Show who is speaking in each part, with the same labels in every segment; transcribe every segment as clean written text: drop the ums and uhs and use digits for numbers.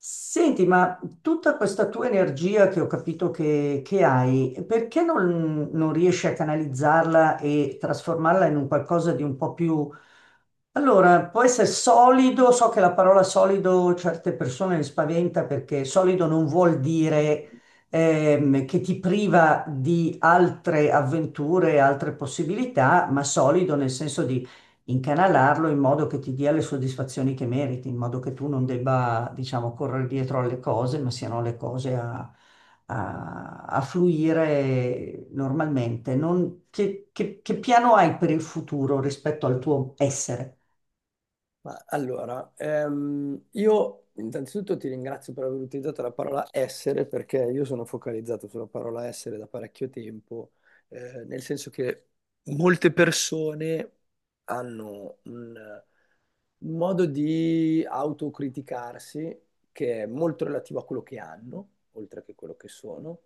Speaker 1: Senti, ma tutta questa tua energia che ho capito che hai, perché non riesci a canalizzarla e trasformarla in un qualcosa di un po' più... Allora, può essere solido, so che la parola solido certe persone le spaventa perché solido non vuol dire che ti priva di altre avventure, altre possibilità, ma solido nel senso incanalarlo in modo che ti dia le soddisfazioni che meriti, in modo che tu non debba, diciamo, correre dietro alle cose, ma siano le cose a, a fluire normalmente. Che, che piano hai per il futuro rispetto al tuo essere?
Speaker 2: Ma allora, io intanzitutto ti ringrazio per aver utilizzato la parola essere perché io sono focalizzato sulla parola essere da parecchio tempo, nel senso che molte persone hanno un modo di autocriticarsi che è molto relativo a quello che hanno, oltre che quello che sono,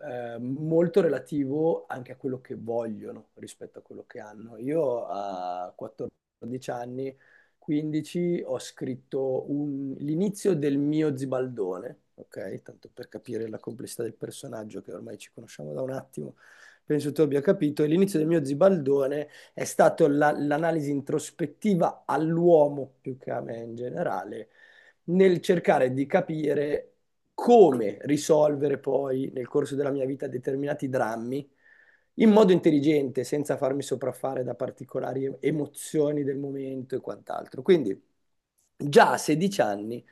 Speaker 2: molto relativo anche a quello che vogliono rispetto a quello che hanno. Io a 14 anni 15 ho scritto l'inizio del mio Zibaldone, ok? Tanto per capire la complessità del personaggio che ormai ci conosciamo da un attimo, penso tu abbia capito. E l'inizio del mio Zibaldone è stato l'analisi introspettiva all'uomo più che a me in generale, nel cercare di capire come risolvere poi nel corso della mia vita determinati drammi in modo intelligente, senza farmi sopraffare da particolari emozioni del momento e quant'altro. Quindi già a 16 anni,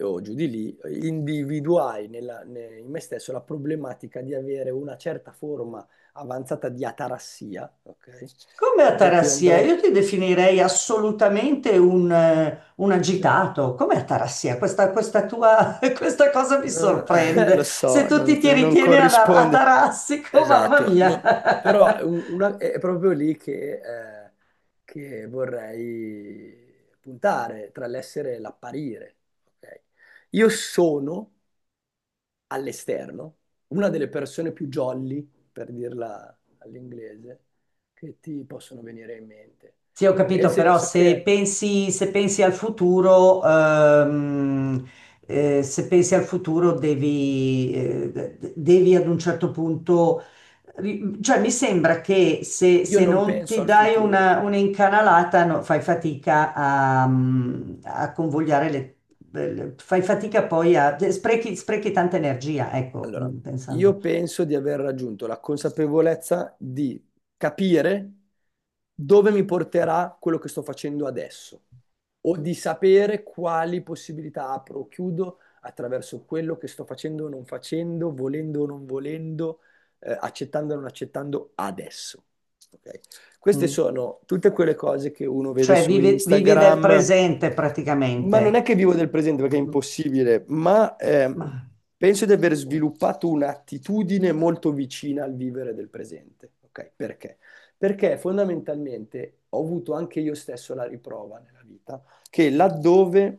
Speaker 2: o giù di lì, individuai in me stesso la problematica di avere una certa forma avanzata di atarassia, ok?
Speaker 1: Come
Speaker 2: Per cui
Speaker 1: Atarassia,
Speaker 2: andrei...
Speaker 1: io ti definirei assolutamente un
Speaker 2: cioè,
Speaker 1: agitato. Come Atarassia? Questa tua, questa cosa mi
Speaker 2: lo
Speaker 1: sorprende. Se
Speaker 2: so,
Speaker 1: tu
Speaker 2: non
Speaker 1: ti, ti
Speaker 2: non
Speaker 1: ritieni
Speaker 2: corrisponde.
Speaker 1: atarassico, mamma
Speaker 2: Esatto,
Speaker 1: mia.
Speaker 2: no. Però è, è proprio lì che vorrei puntare, tra l'essere e l'apparire. Ok? Io sono all'esterno una delle persone più jolly, per dirla all'inglese, che ti possono venire in mente.
Speaker 1: Sì, ho
Speaker 2: Nel
Speaker 1: capito, però
Speaker 2: senso che
Speaker 1: se pensi al futuro, se pensi al futuro devi, devi ad un certo punto, cioè mi sembra che
Speaker 2: io
Speaker 1: se
Speaker 2: non
Speaker 1: non
Speaker 2: penso
Speaker 1: ti
Speaker 2: al
Speaker 1: dai
Speaker 2: futuro.
Speaker 1: un'incanalata, no, fai fatica a, a convogliare le, fai fatica poi a, sprechi tanta energia, ecco,
Speaker 2: Allora,
Speaker 1: pensando.
Speaker 2: io penso di aver raggiunto la consapevolezza di capire dove mi porterà quello che sto facendo adesso o di sapere quali possibilità apro o chiudo attraverso quello che sto facendo o non facendo, volendo o non volendo, accettando o non accettando adesso. Ok? Queste
Speaker 1: Mm.
Speaker 2: sono tutte quelle cose che uno vede
Speaker 1: Cioè
Speaker 2: su
Speaker 1: vivi del
Speaker 2: Instagram,
Speaker 1: presente
Speaker 2: ma non è
Speaker 1: praticamente.
Speaker 2: che vivo del presente perché è
Speaker 1: Mm.
Speaker 2: impossibile, ma
Speaker 1: Ma...
Speaker 2: penso di aver sviluppato un'attitudine molto vicina al vivere del presente. Ok, perché? Perché fondamentalmente ho avuto anche io stesso la riprova nella vita che laddove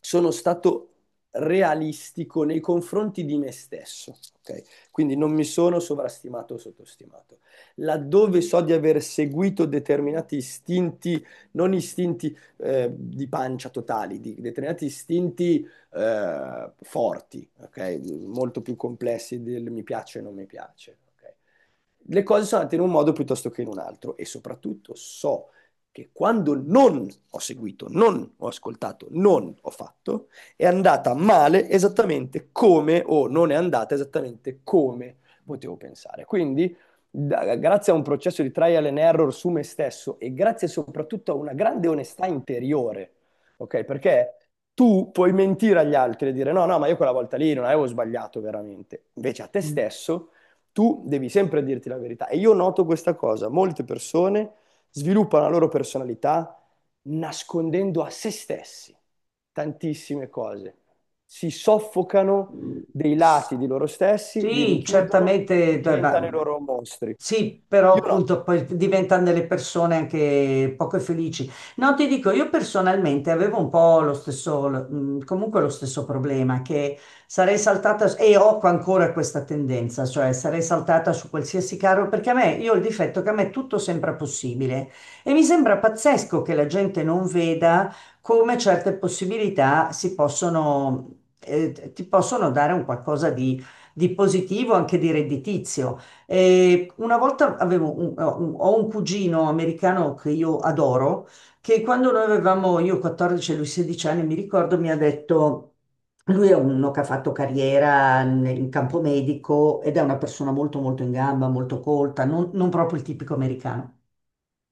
Speaker 2: sono stato realistico nei confronti di me stesso, ok? Quindi non mi sono sovrastimato o sottostimato. Laddove so di aver seguito determinati istinti non istinti di pancia totali, di determinati istinti forti, ok? Molto più complessi del mi piace e non mi piace. Ok? Le cose sono andate in un modo piuttosto che in un altro e soprattutto so che quando non ho seguito, non ho ascoltato, non ho fatto, è andata male esattamente come o non è andata esattamente come potevo pensare. Quindi, grazie a un processo di trial and error su me stesso e grazie soprattutto a una grande onestà interiore, ok? Perché tu puoi mentire agli altri e dire no, no, ma io quella volta lì non avevo sbagliato veramente. Invece a te stesso tu devi sempre dirti la verità. E io noto questa cosa, molte persone sviluppano la loro personalità nascondendo a se stessi tantissime cose, si soffocano
Speaker 1: Mm.
Speaker 2: dei lati di loro stessi, li
Speaker 1: Sì,
Speaker 2: rinchiudono e
Speaker 1: certamente, dai, va-
Speaker 2: diventano i loro mostri.
Speaker 1: sì, però
Speaker 2: Io no.
Speaker 1: appunto poi diventano delle persone anche poco felici. No, ti dico, io personalmente avevo un po' lo stesso, comunque lo stesso problema, che sarei saltata, e ho ancora questa tendenza, cioè sarei saltata su qualsiasi carro, perché a me, io ho il difetto che a me tutto sembra possibile e mi sembra pazzesco che la gente non veda come certe possibilità si possono, ti possono dare un qualcosa di positivo, anche di redditizio. Una volta ho un cugino americano che io adoro, che quando noi avevamo, io 14 e lui 16 anni, mi ricordo, mi ha detto... Lui è uno che ha fatto carriera in campo medico ed è una persona molto molto in gamba, molto colta, non proprio il tipico americano.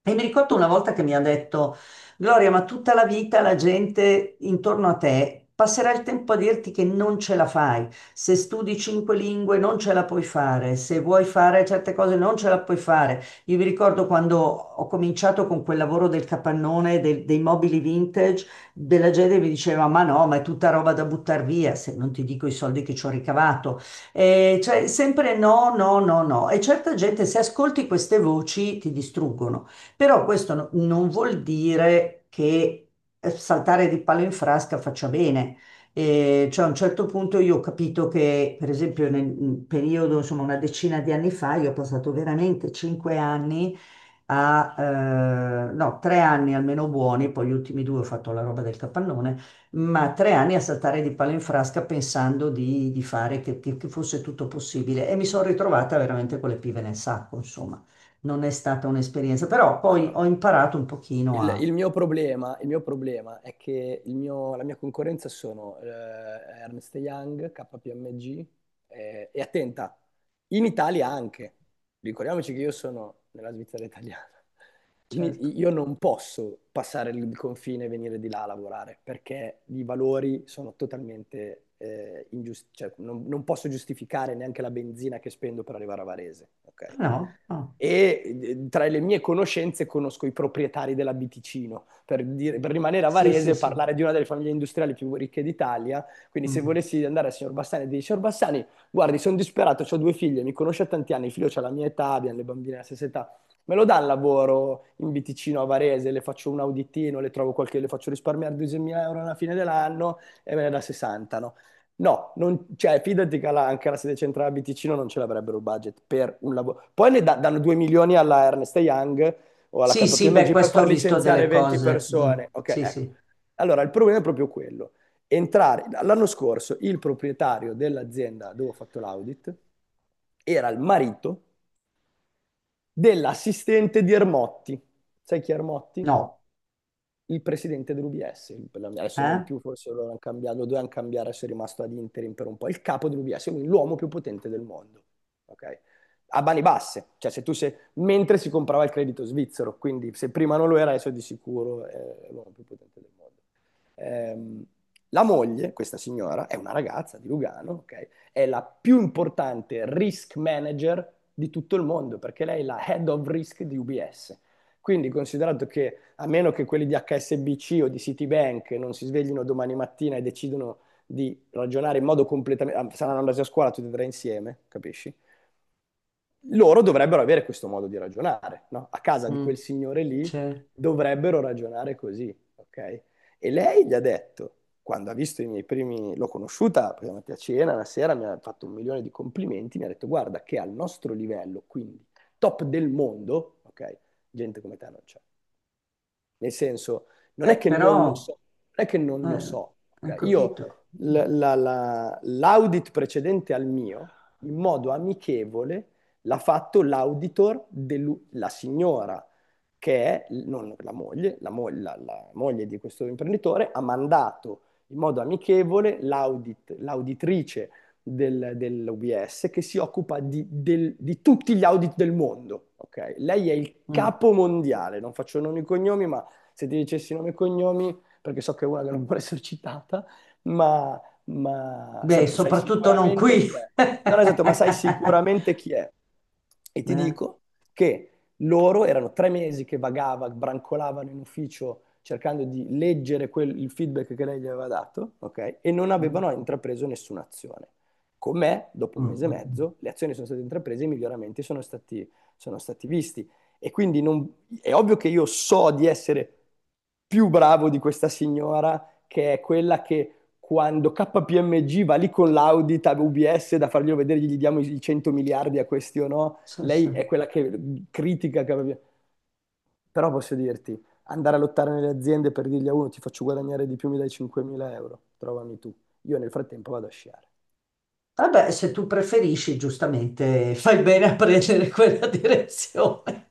Speaker 1: E mi ricordo una volta che mi ha detto, Gloria, ma tutta la vita la gente intorno a te passerà il tempo a dirti che non ce la fai. Se studi cinque lingue non ce la puoi fare, se vuoi fare certe cose non ce la puoi fare. Io mi ricordo quando ho cominciato con quel lavoro del capannone, dei mobili vintage, della gente mi diceva, ma no, ma è tutta roba da buttare via, se non ti dico i soldi che ci ho ricavato. Cioè, sempre no, no, no, no. E certa gente, se ascolti queste voci, ti distruggono. Però questo non vuol dire che saltare di palo in frasca faccia bene. Cioè a un certo punto io ho capito che, per esempio, nel nel periodo, insomma, una decina di anni fa, io ho passato veramente cinque anni a, no, tre anni almeno buoni, poi gli ultimi due ho fatto la roba del capannone, ma tre anni a saltare di palo in frasca pensando di fare che, che fosse tutto possibile e mi sono ritrovata veramente con le pive nel sacco, insomma non è stata un'esperienza, però poi
Speaker 2: Allora,
Speaker 1: ho imparato un pochino
Speaker 2: Il,
Speaker 1: a...
Speaker 2: il mio problema, il mio problema è che la mia concorrenza sono Ernst Young, KPMG, e attenta, in Italia anche. Ricordiamoci che io sono nella Svizzera italiana,
Speaker 1: Certo,
Speaker 2: io non posso passare il confine e venire di là a lavorare perché i valori sono totalmente ingiusti, cioè non posso giustificare neanche la benzina che spendo per arrivare a Varese, ok?
Speaker 1: no, no. Ah,
Speaker 2: E tra le mie conoscenze conosco i proprietari della Biticino, per, per rimanere a
Speaker 1: sì,
Speaker 2: Varese
Speaker 1: sì,
Speaker 2: e
Speaker 1: sì.
Speaker 2: parlare di una delle famiglie industriali più ricche d'Italia. Quindi se
Speaker 1: Mm.
Speaker 2: volessi andare al signor Bassani e dire, signor Bassani, guardi, sono disperato, ho due figlie, mi conosce da tanti anni, il figlio ha la mia età, abbiamo le bambine alla stessa età, me lo dà il lavoro in Biticino a Varese, le faccio un auditino, le trovo qualche, le faccio risparmiare 2.000 euro alla fine dell'anno e me ne dà 60, no? No, cioè, fidati che anche la sede centrale a Biticino non ce l'avrebbero il budget per un lavoro. Poi ne danno 2 milioni alla Ernst Young o alla
Speaker 1: Sì, sì, beh,
Speaker 2: KPMG per
Speaker 1: questo
Speaker 2: far
Speaker 1: ho visto delle
Speaker 2: licenziare 20
Speaker 1: cose. Mm.
Speaker 2: persone. Ok,
Speaker 1: Sì,
Speaker 2: ecco.
Speaker 1: sì.
Speaker 2: Allora, il problema è proprio quello. Entrare, l'anno scorso il proprietario dell'azienda dove ho fatto l'audit era il marito dell'assistente di Ermotti. Sai chi è Ermotti?
Speaker 1: No,
Speaker 2: Il presidente dell'UBS. Adesso non
Speaker 1: eh?
Speaker 2: più, forse loro hanno cambiato, lo dovevano cambiare, se è rimasto ad interim per un po'. Il capo dell'UBS, quindi l'uomo più potente del mondo. Ok? A mani basse, cioè se tu sei, mentre si comprava il credito svizzero, quindi se prima non lo era, adesso di sicuro è l'uomo più potente del mondo. Ehm, la moglie, questa signora, è una ragazza di Lugano, ok? È la più importante risk manager di tutto il mondo perché lei è la head of risk di UBS. Quindi, considerato che a meno che quelli di HSBC o di Citibank non si sveglino domani mattina e decidono di ragionare in modo completamente... ah, saranno andati a scuola tutti e tre insieme, capisci? Loro dovrebbero avere questo modo di ragionare, no? A casa di quel
Speaker 1: Mm.
Speaker 2: signore lì
Speaker 1: C'è-
Speaker 2: dovrebbero ragionare così, ok? E lei gli ha detto, quando ha visto i miei primi, l'ho conosciuta, perché è andata a cena, una sera mi ha fatto un milione di complimenti, mi ha detto, guarda che al nostro livello, quindi top del mondo, ok? Gente come te non c'è. Nel senso, non è
Speaker 1: Beh,
Speaker 2: che non lo
Speaker 1: però,
Speaker 2: so, non è che non lo
Speaker 1: eh,
Speaker 2: so.
Speaker 1: hai
Speaker 2: Ok? Io
Speaker 1: capito. Mm.
Speaker 2: l'audit precedente al mio, in modo amichevole, l'ha fatto l'auditor, della signora che è non la moglie, la moglie di questo imprenditore ha mandato in modo amichevole l'auditrice dell'UBS che si occupa di, di tutti gli audit del mondo. Ok? Lei è il
Speaker 1: Mm.
Speaker 2: capo mondiale, non faccio nomi e cognomi, ma se ti dicessi nomi e cognomi, perché so che è una che non vuole essere citata, ma,
Speaker 1: Beh,
Speaker 2: sai
Speaker 1: soprattutto non
Speaker 2: sicuramente
Speaker 1: qui.
Speaker 2: chi è. Non esatto, ma sai sicuramente chi è. E ti
Speaker 1: Eh.
Speaker 2: dico che loro erano 3 mesi che vagava, brancolavano in ufficio cercando di leggere il feedback che lei gli aveva dato, ok? E non
Speaker 1: Mm.
Speaker 2: avevano intrapreso nessuna azione. Con me, dopo
Speaker 1: Mm,
Speaker 2: un mese e
Speaker 1: mm, mm.
Speaker 2: mezzo, le azioni sono state intraprese e i miglioramenti sono stati visti. E quindi è ovvio che io so di essere più bravo di questa signora, che è quella che quando KPMG va lì con l'audit a UBS da farglielo vedere, gli diamo i 100 miliardi a questi o no,
Speaker 1: Sì, sì.
Speaker 2: lei è quella che critica, però posso dirti, andare a lottare nelle aziende per dirgli a uno ti faccio guadagnare di più, mi dai 5.000 euro, trovami tu. Io nel frattempo vado a sciare.
Speaker 1: Vabbè, se tu preferisci, giustamente, fai bene a prendere quella direzione.